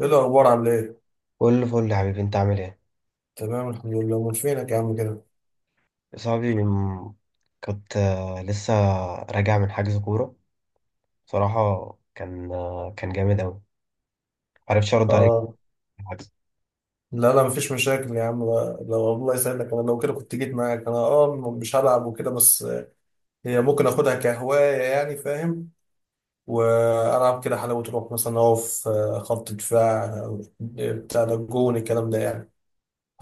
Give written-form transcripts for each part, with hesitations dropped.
ايه الاخبار؟ عامل ايه؟ كل فل يا حبيبي، انت عامل ايه؟ تمام، الحمد لله. من فينك يا عم كده؟ صاحبي م- كنت، لسه راجع من حجز كوره. بصراحه كان جامد قوي، معرفتش ارد عليك اه. في الحجز. لا مفيش مشاكل يا عم بقى. لو الله يسعدك انا لو كده كنت جيت معاك انا اه مش هلعب وكده بس هي ممكن اخدها كهوايه، يعني فاهم. والعب كده حلاوه روح، مثلا اقف خط دفاع، بتاع ده الجون الكلام ده يعني.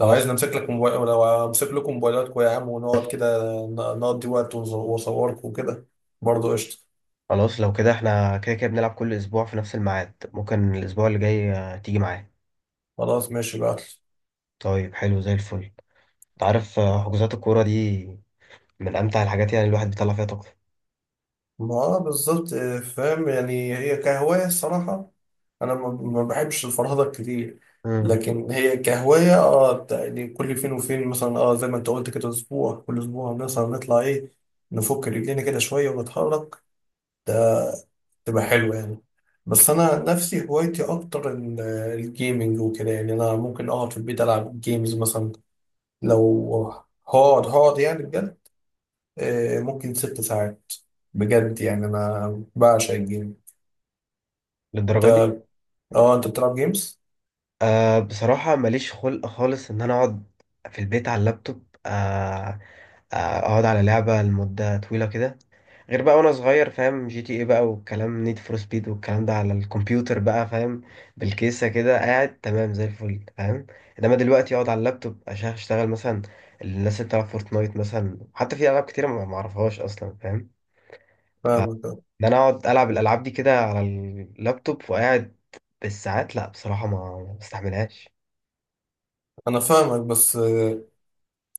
لو عايز نمسك لك موبايل، لو امسك لكم موبايلاتكم يا عم ونقعد كده نقضي وقت واصوركم وكده، برضه قشطه. خلاص، لو كده احنا كده كده بنلعب كل اسبوع في نفس الميعاد. ممكن الاسبوع اللي جاي تيجي معايا؟ خلاص ماشي بقى. طيب، حلو زي الفل. انت عارف، حجوزات الكوره دي من امتع الحاجات، يعني الواحد بيطلع فيها طاقته. ما آه بالظبط، فاهم. يعني هي كهواية الصراحة. أنا ما بحبش الفرهدة كتير، امم لكن هي كهواية اه يعني كل فين وفين، مثلا اه زي ما انت قلت كده اسبوع، كل اسبوع مثلا نطلع ايه، نفك رجلينا كده شوية ونتحرك، ده تبقى حلوة يعني. بس أنا نفسي هوايتي أكتر الجيمنج وكده. يعني أنا ممكن أقعد في البيت ألعب جيمز مثلا. لو هقعد يعني بجد، ممكن ست ساعات، بجد. يعني أنا بعشق الجيمز. انت للدرجه دي؟ اه، انت بتلعب جيمز؟ أه، بصراحة ماليش خلق خالص إن أنا أقعد في البيت على اللابتوب. أه، أقعد على لعبة لمدة طويلة كده؟ غير بقى وأنا صغير، فاهم، جي تي إيه بقى والكلام، نيد فور سبيد والكلام ده، على الكمبيوتر بقى فاهم، بالكيسة كده قاعد تمام زي الفل فاهم. إنما دلوقتي أقعد على اللابتوب عشان أشتغل مثلا. الناس اللي بتلعب فورتنايت مثلا، حتى في ألعاب كتيرة ما معرفهاش أصلا فاهم. فإن فاهمك اه. أنا أقعد ألعب الألعاب دي كده على اللابتوب وقاعد بالساعات، لأ بصراحة ما بستحملهاش. انا فاهمك بس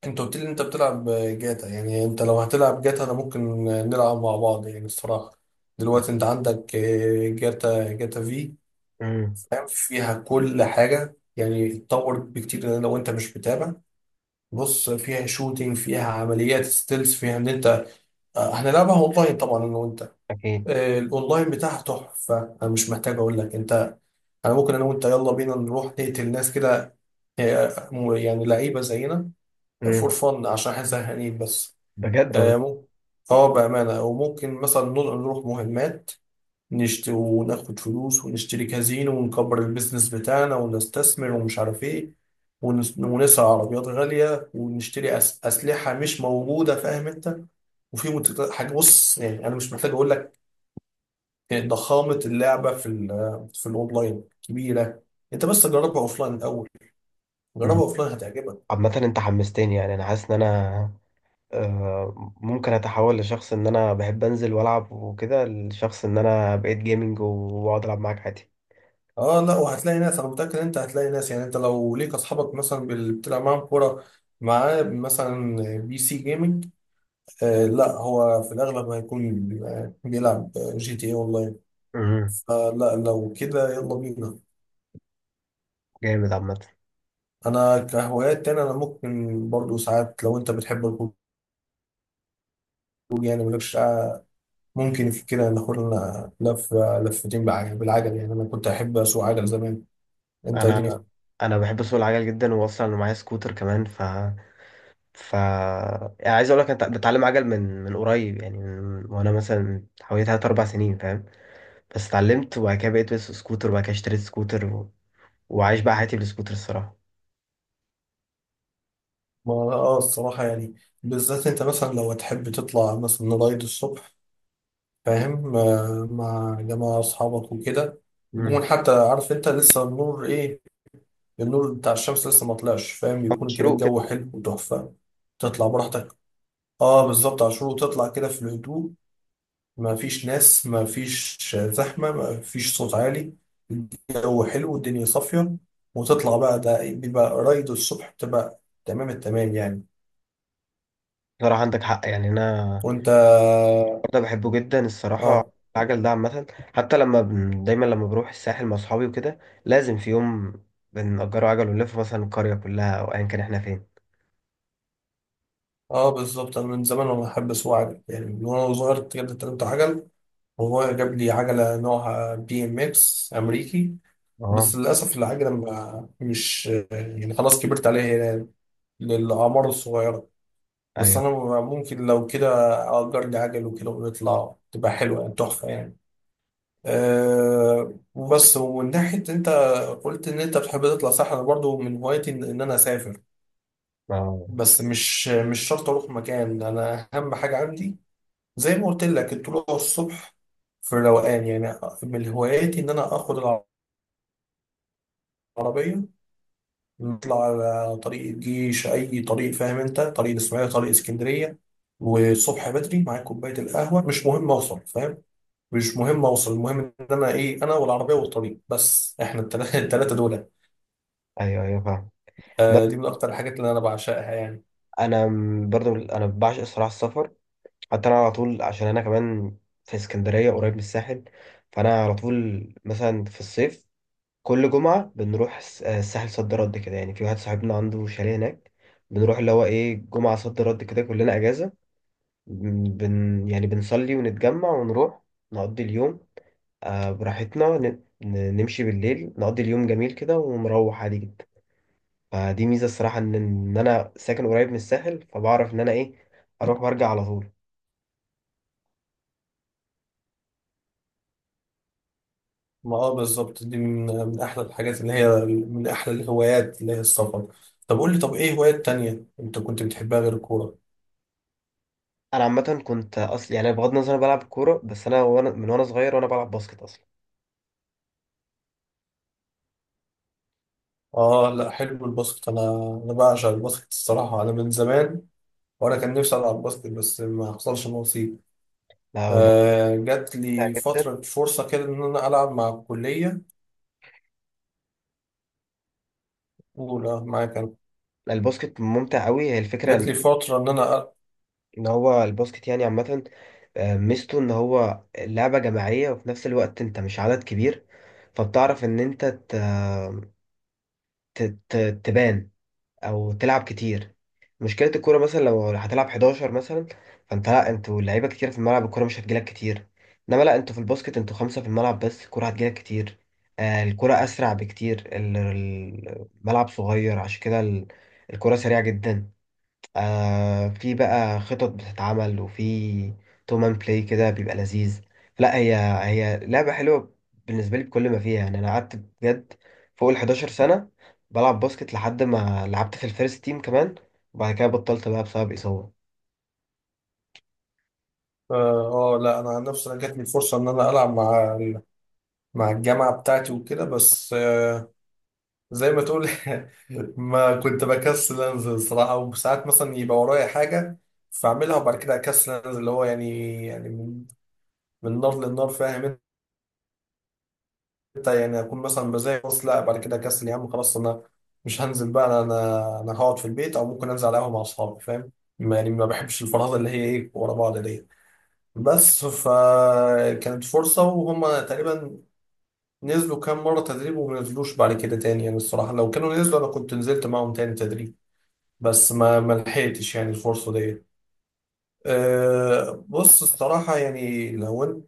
انت قلت لي انت بتلعب جاتا. يعني انت لو هتلعب جاتا انا ممكن نلعب مع بعض يعني الصراحة. دلوقتي انت عندك جاتا. جاتا في امم فاهم، فيها كل حاجة، يعني اتطور بكتير لو انت مش متابع. بص، فيها شوتينج، فيها عمليات ستيلز، فيها ان انت هنلعبها اونلاين طبعا انا وانت. اكيد. الاونلاين بتاعها تحفة، انا مش محتاج اقول لك انت. انا ممكن انا وانت يلا بينا نروح نقتل ناس كده، هي يعني لعيبة زينا، فور امم فن، عشان احنا زهقانين بس. بجد والله. ممكن اه بأمانة، وممكن مثلا نروح مهمات، نشتري وناخد فلوس، ونشتري كازينو ونكبر البيزنس بتاعنا ونستثمر ومش عارف ايه. ونسعى عربيات غالية ونشتري أسلحة مش موجودة، فاهم انت. وفي حاجة، بص يعني أنا مش محتاج أقول لك، ضخامة اللعبة في في الأونلاين كبيرة. أنت بس جربها أوفلاين الأول، جربها مم. أوفلاين هتعجبك. عامة انت حمستني، يعني انا حاسس ان انا ممكن اتحول لشخص، ان انا بحب انزل والعب وكده، لشخص ان انا بقيت جيمنج واقعد العب معاك عادي. اه لا، وهتلاقي ناس، انا متاكد ان انت هتلاقي ناس. يعني انت لو ليك اصحابك مثلا بتلعب معاهم كوره، معاه مثلا بي سي جيمنج، آه لا هو في الاغلب هيكون بيلعب جي تي اي اونلاين. امم فلا لو كده يلا بينا. جامد عامة. انا كهوايات تاني انا ممكن برضو ساعات، لو انت بتحب الخروج، يعني مالكش قاعة، ممكن في كده ناخد لنا لفه لفتين بالعجل، بالعجل يعني انا كنت احب اسوق عجل زمان. انت ايه؟ انا انا بحب اسوق العجل جدا، واصلا معايا سكوتر كمان، ف ف يعني عايز اقول لك انت بتعلم عجل، من قريب يعني، وانا مثلا حوالي 3 4 سنين فاهم، بس اتعلمت، وبعد كده بقيت بس سكوتر، وبعد كده اشتريت سكوتر وعايش بقى حياتي بالسكوتر الصراحة. ما اه الصراحة، يعني بالذات انت مثلا لو تحب تطلع مثلا رايد الصبح، فاهم، مع جماعة أصحابك وكده، يكون مم. حتى عارف انت لسه النور ايه، النور بتاع الشمس لسه ما طلعش، فاهم، يكون كده مشروق كده. الجو حلو وتحفة، تطلع براحتك. اه بالظبط عاشور، وتطلع كده في الهدوء، ما فيش ناس، ما فيش زحمة، ما فيش صوت عالي، الجو حلو والدنيا صافية، وتطلع بقى. ده بيبقى رايد الصبح بتبقى تمام التمام يعني. صراحة عندك حق، يعني أنا وانت برضه بحبه جدا الصراحة، اه. العجل ده. عامة حتى دايما لما بروح الساحل مع أصحابي وكده، لازم في يوم بنأجره عجل ونلف مثلا القرية كلها، أو أيا كان إحنا فين. اه بالظبط، انا من زمان وانا بحب اسوق عجل، يعني من وانا صغير كده اتعلمت عجل، وهو جاب لي عجله نوعها بي ام اكس امريكي، بس أه. للاسف العجله ما مش، يعني خلاص كبرت عليها يعني، للاعمار الصغيره. بس أيوه. انا ممكن لو كده اجر لي عجل وكده ونطلع، تبقى حلوه يعني، تحفه يعني. أه وبس. ومن ناحيه انت قلت ان انت بتحب تطلع، صح، انا برضو من هوايتي ان إن انا اسافر، أه، بس مش شرط اروح مكان، انا اهم حاجه عندي زي ما قلت لك الطلوع الصبح، في الروقان يعني. من هواياتي ان انا اخد العربيه، نطلع على طريق الجيش، اي طريق فاهم انت، طريق الاسماعيليه، طريق اسكندريه، والصبح بدري معايا كوبايه القهوه. مش مهم اوصل، فاهم، مش مهم اوصل، المهم ان انا ايه، انا والعربيه والطريق بس، احنا التلاته دول أيوه، أيوه فاهم. بس آه. دي من اكتر الحاجات اللي انا بعشقها يعني. أنا، برضه، أنا بعشق الصراحة السفر. حتى أنا على طول، عشان أنا كمان في اسكندرية قريب من الساحل، فأنا على طول مثلا في الصيف كل جمعة بنروح الساحل، صد رد كده، يعني في واحد صاحبنا عنده شاليه هناك، بنروح اللي هو ايه، جمعة صد رد كده كلنا أجازة، يعني بنصلي ونتجمع ونروح نقضي اليوم، آه براحتنا، نمشي بالليل، نقضي اليوم جميل كده ونروح عادي جدا. فدي ميزة الصراحة، إن أنا ساكن قريب من الساحل، فبعرف إن أنا ايه، أروح وأرجع على طول. ما اه بالظبط، دي من احلى الحاجات، اللي هي من احلى الهوايات، اللي هي السفر. طب قول لي، طب ايه هوايات تانية انت كنت بتحبها غير الكورة؟ أنا عامة كنت أصل يعني، بغض النظر أنا بلعب كورة، بس أنا، وأنا من وأنا صغير وأنا بلعب باسكت أصلا. اه لا، حلو الباسكت. انا انا بعشق الباسكت الصراحة، انا من زمان وانا كان نفسي العب باسكت بس ما حصلش نصيب. لا هو الباسكت جات ممتع لي جدا، فترة فرصة كده إن أنا ألعب مع الكلية، أولى معاك أنا، الباسكت ممتع قوي هي الفكرة. جات لي فترة إن أنا ألعب. ان هو الباسكت يعني عامة، ميزته ان هو لعبة جماعية، وفي نفس الوقت انت مش عدد كبير، فبتعرف ان انت ت... ت... تبان او تلعب كتير. مشكلة الكورة مثلا لو هتلعب 11 مثلا، لا انتوا لعيبة كتير في الملعب، الكورة مش هتجيلك كتير. انما لا انتوا في الباسكت، انتوا خمسة في الملعب بس الكورة هتجيلك كتير. الكورة اسرع بكتير، الملعب صغير، عشان كده الكورة سريعة جدا. آه، في بقى خطط بتتعمل، وفي تومان بلاي كده بيبقى لذيذ. لا هي لعبة حلوة بالنسبة لي بكل ما فيها، يعني أنا قعدت بجد فوق ال 11 سنة بلعب باسكت، لحد ما لعبت في الفيرست تيم كمان، وبعد كده بطلت بقى بسبب إصابة. لا أنا عن نفسي، أنا جات لي فرصة إن أنا ألعب مع مع الجامعة بتاعتي وكده، بس زي ما تقول ما كنت بكسل أنزل صراحة، وساعات مثلا يبقى ورايا حاجة فأعملها وبعد كده أكسل أنزل، اللي هو يعني من من نار للنار فاهم. حتى يعني اكون مثلا بزي، بص لا بعد كده كسل يا عم خلاص، انا مش هنزل بقى، انا أنا هقعد في البيت، او ممكن انزل على قهوه مع اصحابي فاهم. يعني ما بحبش الفرهده اللي هي ايه، ورا بعض دي. بس فكانت فرصه، وهم تقريبا نزلوا كام مره تدريب وما نزلوش بعد كده تاني يعني. الصراحه لو كانوا نزلوا انا كنت نزلت معاهم تاني تدريب، بس ما لحقتش يعني الفرصه دي. أه بص الصراحه يعني،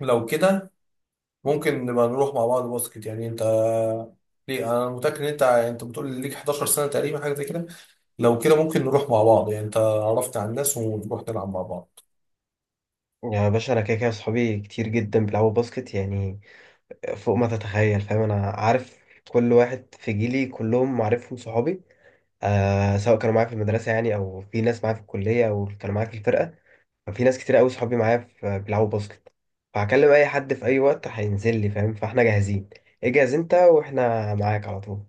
لو كده ممكن نبقى نروح مع بعض باسكت، يعني انت ليه، انا متاكد ان انت، يعني انت بتقول ليك 11 سنه تقريبا حاجه زي كده. لو كده ممكن نروح مع بعض، يعني انت عرفت على الناس ونروح نلعب مع بعض. يعني يا باشا، أنا كده كده صحابي كتير جدا بيلعبوا باسكت، يعني فوق ما تتخيل فاهم. أنا عارف كل واحد في جيلي، كلهم معرفهم صحابي، آه، سواء كانوا معايا في المدرسة يعني، أو في ناس معايا في الكلية، أو كانوا معايا في الفرقة. في ناس كتير قوي صحابي معايا في بيلعبوا باسكت، فهكلم اي حد في اي وقت هينزل لي فاهم، فاحنا جاهزين. اجهز انت واحنا معاك على طول.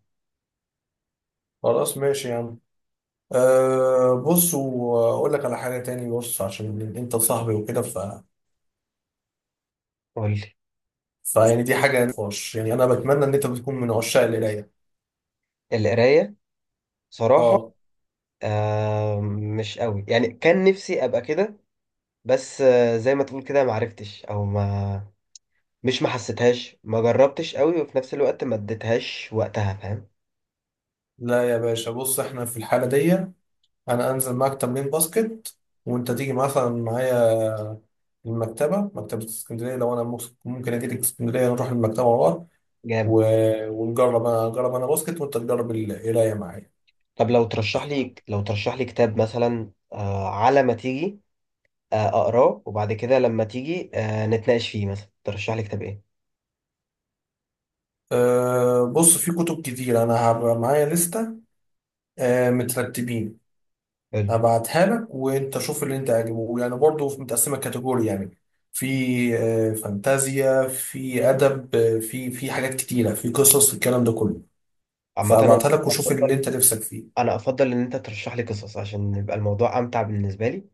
خلاص ماشي يا عم. أه بص واقول لك على حاجه تاني، بص عشان انت صاحبي وكده ف، قول لي. فيعني دي حاجه نقاش، يعني انا بتمنى ان انت بتكون من عشاق القرايه. القرايه؟ صراحه، اه. آه، مش قوي يعني، كان نفسي ابقى كده، بس آه زي ما تقول كده، ما عرفتش، او ما مش ما حسيتهاش، ما جربتش قوي، وفي نفس الوقت ما اديتهاش وقتها فاهم. لا يا باشا بص، احنا في الحاله دي انا انزل معاك تمرين باسكت، وانت تيجي مثلا معايا المكتبة، مكتبة اسكندرية، لو أنا ممكن أجيلك اسكندرية نروح المكتبة مع بعض، جامد. ونجرب، أنا أجرب أنا باسكت وأنت تجرب القراية معايا. طب لو ترشح لي، لو ترشح لي كتاب مثلا، آه، على ما تيجي اقراه، وبعد كده لما تيجي نتناقش فيه، مثلا ترشح لي كتاب ايه؟ أه بص، في كتب كتير، أنا هبقى معايا لستة أه مترتبين، حلو. هبعتها لك وأنت شوف اللي أنت عاجبه، يعني برضه متقسمة كاتيجوري. يعني في أه فانتازيا، في أدب، في حاجات كتيرة، في قصص، الكلام ده كله. عامة انا فهبعتها لك وشوف اللي افضل، أنت نفسك فيه. انا افضل ان انت ترشح لي قصص، عشان يبقى الموضوع امتع بالنسبة لي،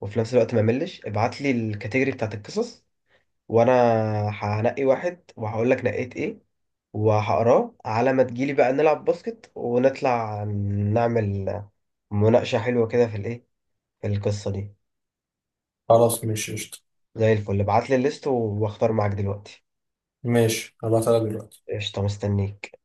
وفي نفس الوقت ما ملش، ابعت لي الكاتيجوري بتاعت القصص، وانا هنقي واحد وهقول لك نقيت ايه، وهقراه على ما تجيلي بقى نلعب باسكت ونطلع، نعمل مناقشة حلوة كده في الايه، في القصة دي. خلاص ماشي قشطة. زي الفل، ابعت لي الليست واختار معاك دلوقتي. ماشي هبعتها لك دلوقتي. قشطة، مستنيك.